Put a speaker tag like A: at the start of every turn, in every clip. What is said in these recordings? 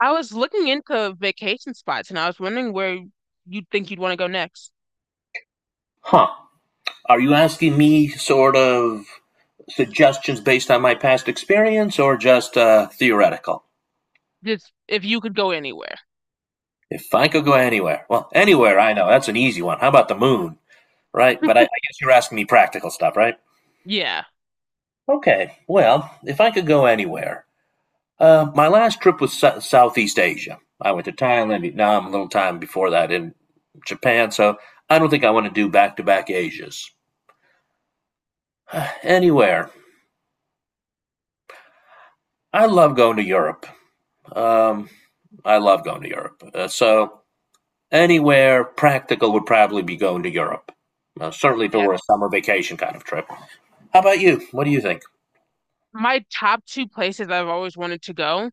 A: I was looking into vacation spots and I was wondering where you'd think you'd want to go next.
B: Huh. Are you asking me sort of suggestions based on my past experience or just theoretical?
A: Just if you could go anywhere.
B: If I could go anywhere, well, anywhere, I know, that's an easy one. How about the moon? Right? But I guess you're asking me practical stuff, right?
A: Yeah.
B: Okay, well, if I could go anywhere, my last trip was Southeast Asia. I went to Thailand, Vietnam, a little time before that in Japan, so I don't think I want to do back to back Asias. Anywhere. I love going to Europe. Um, I love going to Europe. So anywhere practical would probably be going to Europe. Certainly if it
A: Yeah.
B: were a summer vacation kind of trip. How about you? What do you think?
A: My top two places I've always wanted to go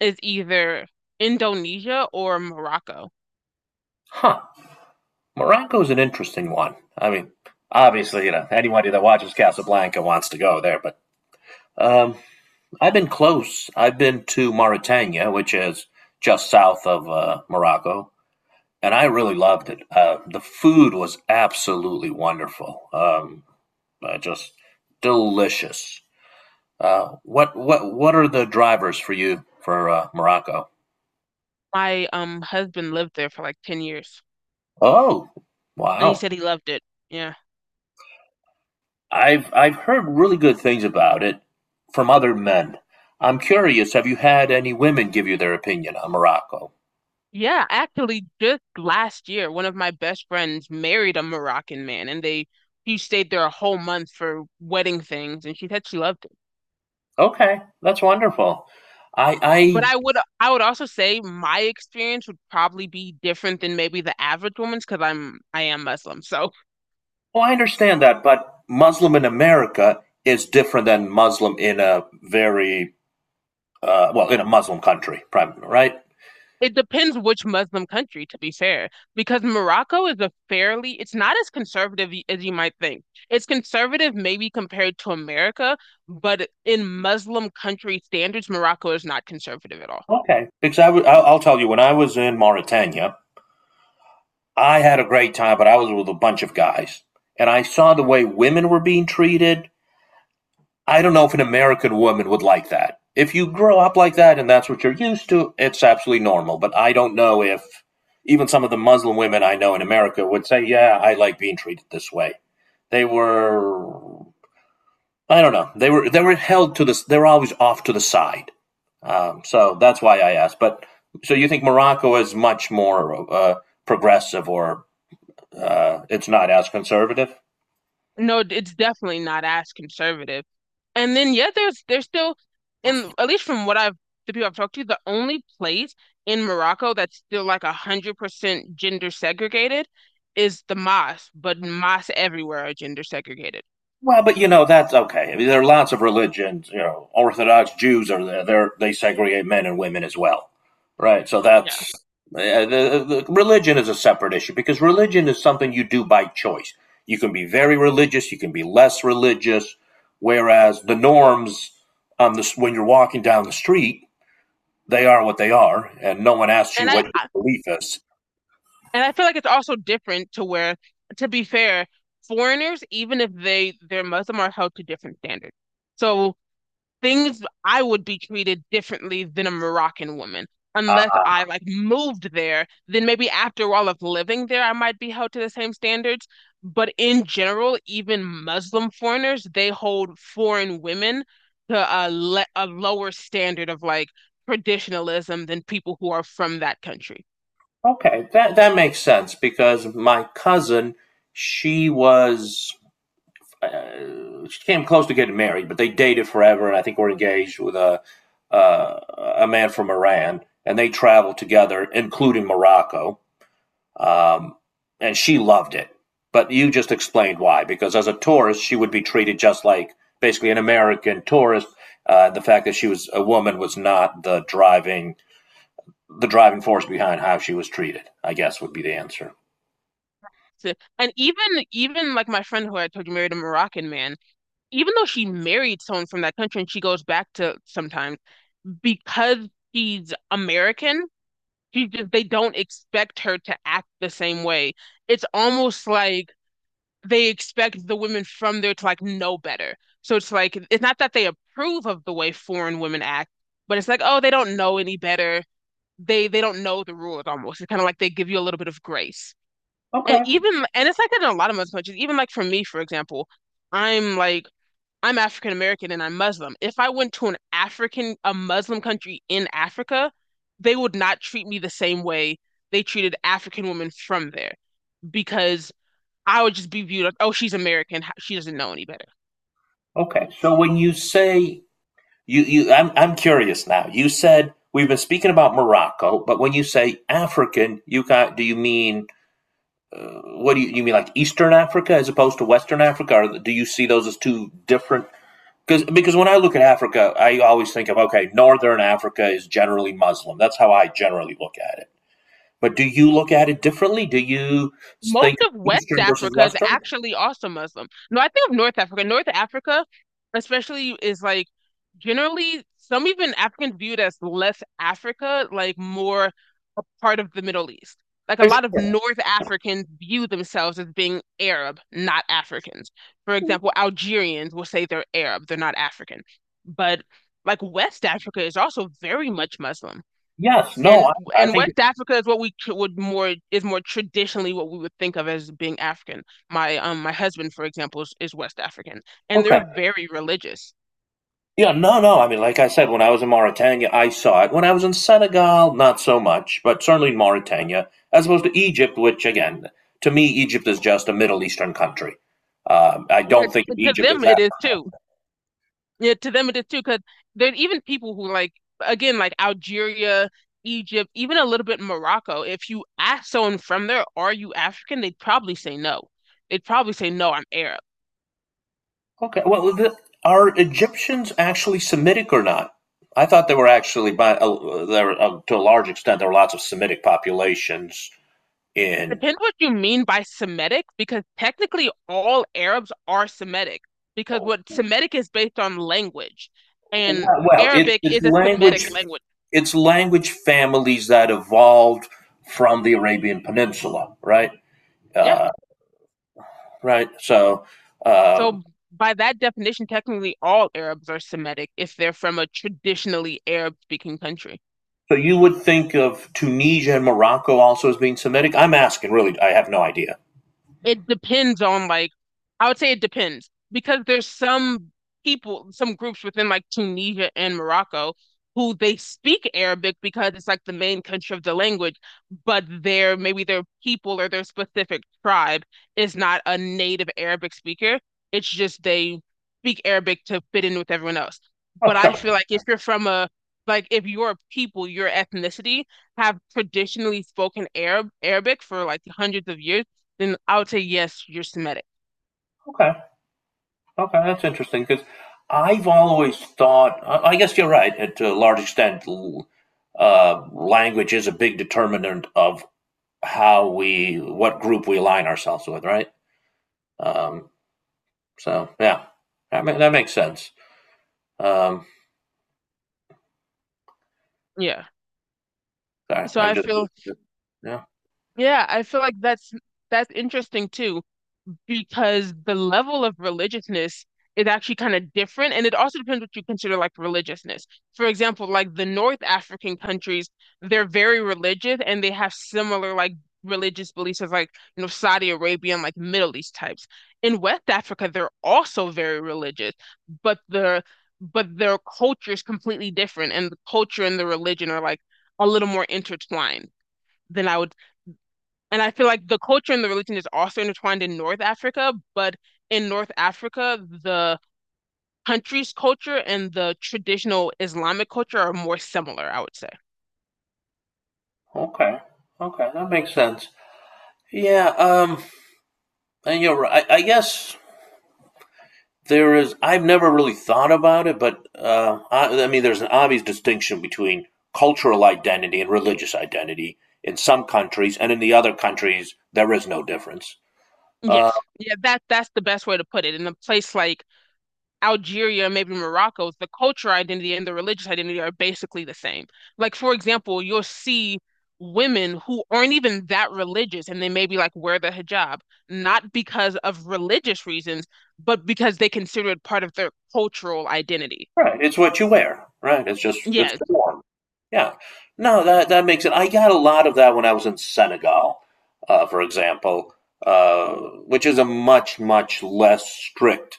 A: is either Indonesia or Morocco.
B: Huh. Morocco is an interesting one. I mean, obviously, anybody that watches Casablanca wants to go there, but um, I've been close. I've been to Mauritania, which is just south of Morocco, and I really loved it. The food was absolutely wonderful. Just delicious. What are the drivers for you for Morocco?
A: My husband lived there for like 10 years,
B: Oh,
A: and he
B: wow!
A: said he loved it. Yeah.
B: I've heard really good things about it from other men. I'm curious. Have you had any women give you their opinion on Morocco?
A: Yeah, actually just last year one of my best friends married a Moroccan man, and they he stayed there a whole month for wedding things, and she said she loved it.
B: Okay, that's wonderful. I
A: But I would also say my experience would probably be different than maybe the average woman's because I am Muslim. So
B: Well, I understand that, but Muslim in America is different than Muslim in a very well, in a Muslim country, primarily, right?
A: it depends which Muslim country, to be fair, because Morocco is a fairly it's not as conservative as you might think. It's conservative maybe compared to America, but in Muslim country standards, Morocco is not conservative at all.
B: Okay, because I'll tell you when I was in Mauritania. I had a great time, but I was with a bunch of guys. And I saw the way women were being treated. I don't know if an American woman would like that. If you grow up like that and that's what you're used to, it's absolutely normal. But I don't know if even some of the Muslim women I know in America would say, "Yeah, I like being treated this way." They were, I don't know, they were held to this. They were always off to the side. So that's why I asked. But so you think Morocco is much more progressive or it's not as conservative.
A: No, it's definitely not as conservative. And then yeah, there's still in at least from what I've the people I've talked to, the only place in Morocco that's still like 100% gender segregated is the mosque, but mosques everywhere are gender segregated.
B: Well, but you know that's okay. I mean, there are lots of religions. You know, Orthodox Jews are there. They segregate men and women as well, right? So
A: Yeah.
B: that's uh, the, the religion is a separate issue because religion is something you do by choice. You can be very religious. You can be less religious. Whereas the norms on this when you're walking down the street, they are what they are, and no one asks you
A: And
B: what your
A: I
B: belief is.
A: and I feel like it's also different to where, to be fair, foreigners, even if they're Muslim, are held to different standards. So things I would be treated differently than a Moroccan woman unless I like moved there, then maybe after all of living there, I might be held to the same standards. But in general, even Muslim foreigners, they hold foreign women to a lower standard of like traditionalism than people who are from that country.
B: Okay, that that makes sense because my cousin, she was she came close to getting married, but they dated forever, and I think were engaged with uh, a man from Iran, and they traveled together, including Morocco, um, and she loved it. But you just explained why, because as a tourist, she would be treated just like basically an American tourist. The fact that she was a woman was not the driving force behind how she was treated. I guess would be the answer.
A: So, and even like my friend who I told you married a Moroccan man, even though she married someone from that country and she goes back to sometimes because she's American, she just they don't expect her to act the same way. It's almost like they expect the women from there to like know better. So it's like it's not that they approve of the way foreign women act, but it's like, oh, they don't know any better. They don't know the rules almost. It's kind of like they give you a little bit of grace. And
B: Okay.
A: even and it's like that in a lot of other countries. Even like for me, for example, I'm like I'm African American and I'm Muslim. If I went to a Muslim country in Africa, they would not treat me the same way they treated African women from there because I would just be viewed like, oh, she's American. She doesn't know any better.
B: Okay. So when you say you you I'm curious now. You said we've been speaking about Morocco, but when you say African, you got do you mean you mean like Eastern Africa as opposed to Western Africa? Or do you see those as two different because when I look at Africa, I always think of okay, Northern Africa is generally Muslim. That's how I generally look at it. But do you look at it differently? Do you
A: Most
B: think
A: of West
B: Eastern versus
A: Africa is
B: Western?
A: actually also Muslim. No, I think of North Africa. North Africa, especially, is like generally some even Africans viewed as less Africa, like more a part of the Middle East. Like a lot of
B: Sure.
A: North Africans view themselves as being Arab, not Africans. For example, Algerians will say they're Arab, they're not African. But like West Africa is also very much Muslim,
B: Yes. No.
A: and
B: I
A: and
B: think
A: West Africa is what we would more is more traditionally what we would think of as being African. My my husband, for example, is West African, and they're
B: Okay.
A: very religious.
B: Yeah, no, no. I mean, like I said, when I was in Mauritania, I saw it. When I was in Senegal, not so much, but certainly in Mauritania, as opposed to Egypt, which, again, to me, Egypt is just a Middle Eastern country. I
A: Yeah,
B: don't think
A: to
B: Egypt is
A: them it
B: that.
A: is too. Yeah, to them it is too, because there are even people who like again like Algeria, Egypt, even a little bit Morocco. If you ask someone from there, "Are you African?" They'd probably say no. They'd probably say no, I'm Arab.
B: Okay, well, the, are Egyptians actually Semitic or not? I thought they were actually, by there to a large extent, there were lots of Semitic populations in.
A: Depends what you mean by Semitic, because technically all Arabs are Semitic, because what Semitic is based on language, and
B: Well, well it,
A: Arabic
B: it's
A: is a Semitic
B: language
A: language.
B: it's language families that evolved from the Arabian Peninsula, right?
A: Yeah.
B: Uh, right. Uh,
A: So by that definition, technically all Arabs are Semitic if they're from a traditionally Arab-speaking country.
B: so you would think of Tunisia and Morocco also as being Semitic. I'm asking, really, I have no idea.
A: It depends on like, I would say it depends because there's some people, some groups within like Tunisia and Morocco who they speak Arabic because it's like the main country of the language, but their maybe their people or their specific tribe is not a native Arabic speaker. It's just they speak Arabic to fit in with everyone else.
B: Oh,
A: But I feel
B: sure.
A: like if you're from a if your people, your ethnicity have traditionally spoken Arabic for like hundreds of years, then I would say yes, you're Semitic.
B: Okay. Okay, that's interesting because I've always thought. I guess you're right. To a large extent, language is a big determinant of what group we align ourselves with, right? Um, yeah, that makes sense. Um,
A: Yeah.
B: sorry,
A: So
B: I'm
A: I
B: just
A: feel
B: Yeah.
A: yeah, I feel like that's interesting too, because the level of religiousness is actually kind of different. And it also depends what you consider like religiousness. For example, like the North African countries, they're very religious and they have similar like religious beliefs as, like, you know, Saudi Arabia and like Middle East types. In West Africa, they're also very religious, but their culture is completely different and the culture and the religion are like a little more intertwined than I would and I feel like the culture and the religion is also intertwined in North Africa, but in North Africa, the country's culture and the traditional Islamic culture are more similar, I would say.
B: Okay, okay, that makes sense. Yeah. Um, and you're right. I guess there is. I've never really thought about it, but I mean, there's an obvious distinction between cultural identity and religious identity in some countries, and in the other countries, there is no difference. Uh,
A: Yes. Yeah, that that's the best way to put it. In a place like Algeria, maybe Morocco, the cultural identity and the religious identity are basically the same. Like, for example, you'll see women who aren't even that religious and they maybe like wear the hijab, not because of religious reasons, but because they consider it part of their cultural identity.
B: right. It's what you wear. Right. It's just it's
A: Yes,
B: the norm. Yeah. No, that that makes it. I got a lot of that when I was in Senegal, for example, uh, which is a much, much less strict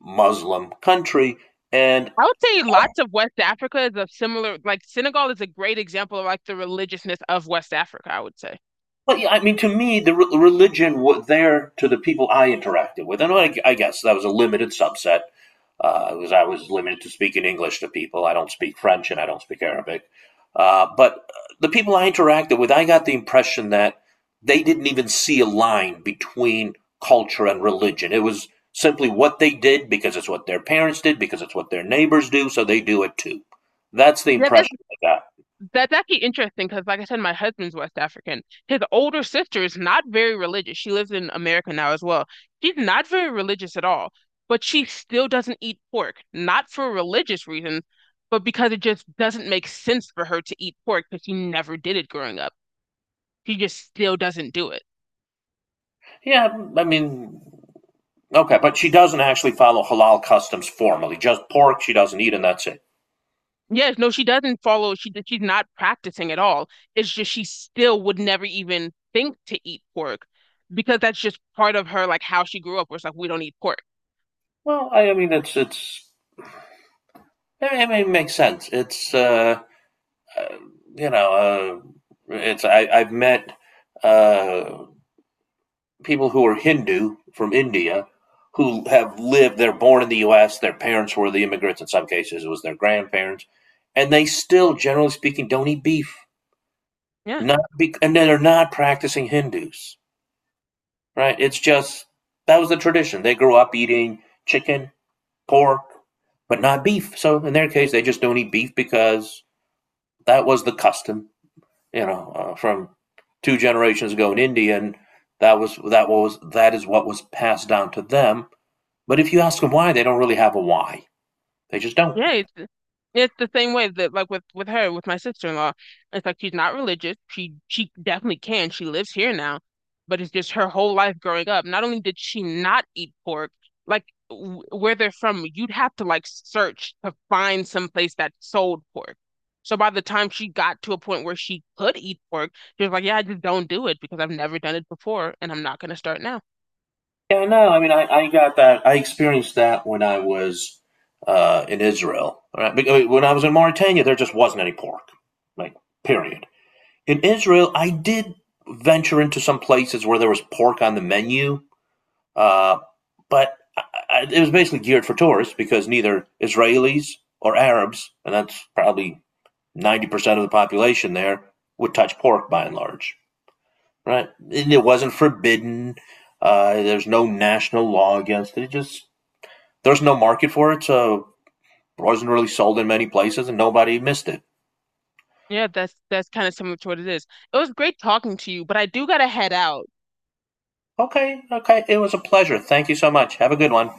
B: Muslim country, and
A: I would say lots of West Africa is a similar, like Senegal is a great example of like the religiousness of West Africa, I would say.
B: well, yeah, I mean, to me, the religion was there to the people I interacted with, and I guess that was a limited subset because I was limited to speaking English to people. I don't speak French and I don't speak Arabic, but the people I interacted with, I got the impression that they didn't even see a line between culture and religion. It was simply what they did because it's what their parents did, because it's what their neighbors do, so they do it too. That's the
A: Yeah,
B: impression I got.
A: that's actually interesting because, like I said, my husband's West African. His older sister is not very religious. She lives in America now as well. She's not very religious at all, but she still doesn't eat pork, not for religious reasons, but because it just doesn't make sense for her to eat pork because she never did it growing up. She just still doesn't do it.
B: Yeah, I mean, okay, but she doesn't actually follow halal customs formally. Just pork she doesn't eat, and that's it.
A: Yes, no, she doesn't follow. She's not practicing at all. It's just she still would never even think to eat pork because that's just part of her, like how she grew up, where it's like we don't eat pork.
B: Well, it makes sense. It's uh, you know, it's I, I've met uh, people who are Hindu from India who have lived. They're born in the U.S. Their parents were the immigrants. In some cases, it was their grandparents, and they still, generally speaking, don't eat beef.
A: Yeah.
B: Not be, And they're not practicing Hindus, right? It's just that was the tradition. They grew up eating chicken, pork, but not beef. So in their case, they just don't eat beef because that was the custom, from two generations ago in India, and that is what was passed down to them. But if you ask them why, they don't really have a why. They just don't.
A: Yeah, it's the same way that like with her, with my sister-in-law. It's like she's not religious. She definitely can. She lives here now, but it's just her whole life growing up. Not only did she not eat pork, like w where they're from, you'd have to like search to find some place that sold pork. So by the time she got to a point where she could eat pork, she was like, "Yeah, I just don't do it because I've never done it before, and I'm not gonna start now."
B: Yeah, no. I mean, I got that. I experienced that when I was in Israel. Right? When I was in Mauritania, there just wasn't any pork. Like, period. In Israel, I did venture into some places where there was pork on the menu, uh, but I, it was basically geared for tourists because neither Israelis or Arabs, and that's probably 90% of the population there, would touch pork by and large, right? And it wasn't forbidden. There's no national law against it. It just there's no market for it, so it wasn't really sold in many places, and nobody missed it.
A: Yeah, that's kind of similar to what it is. It was great talking to you, but I do gotta head out.
B: Okay, okay, it was a pleasure. Thank you so much. Have a good one.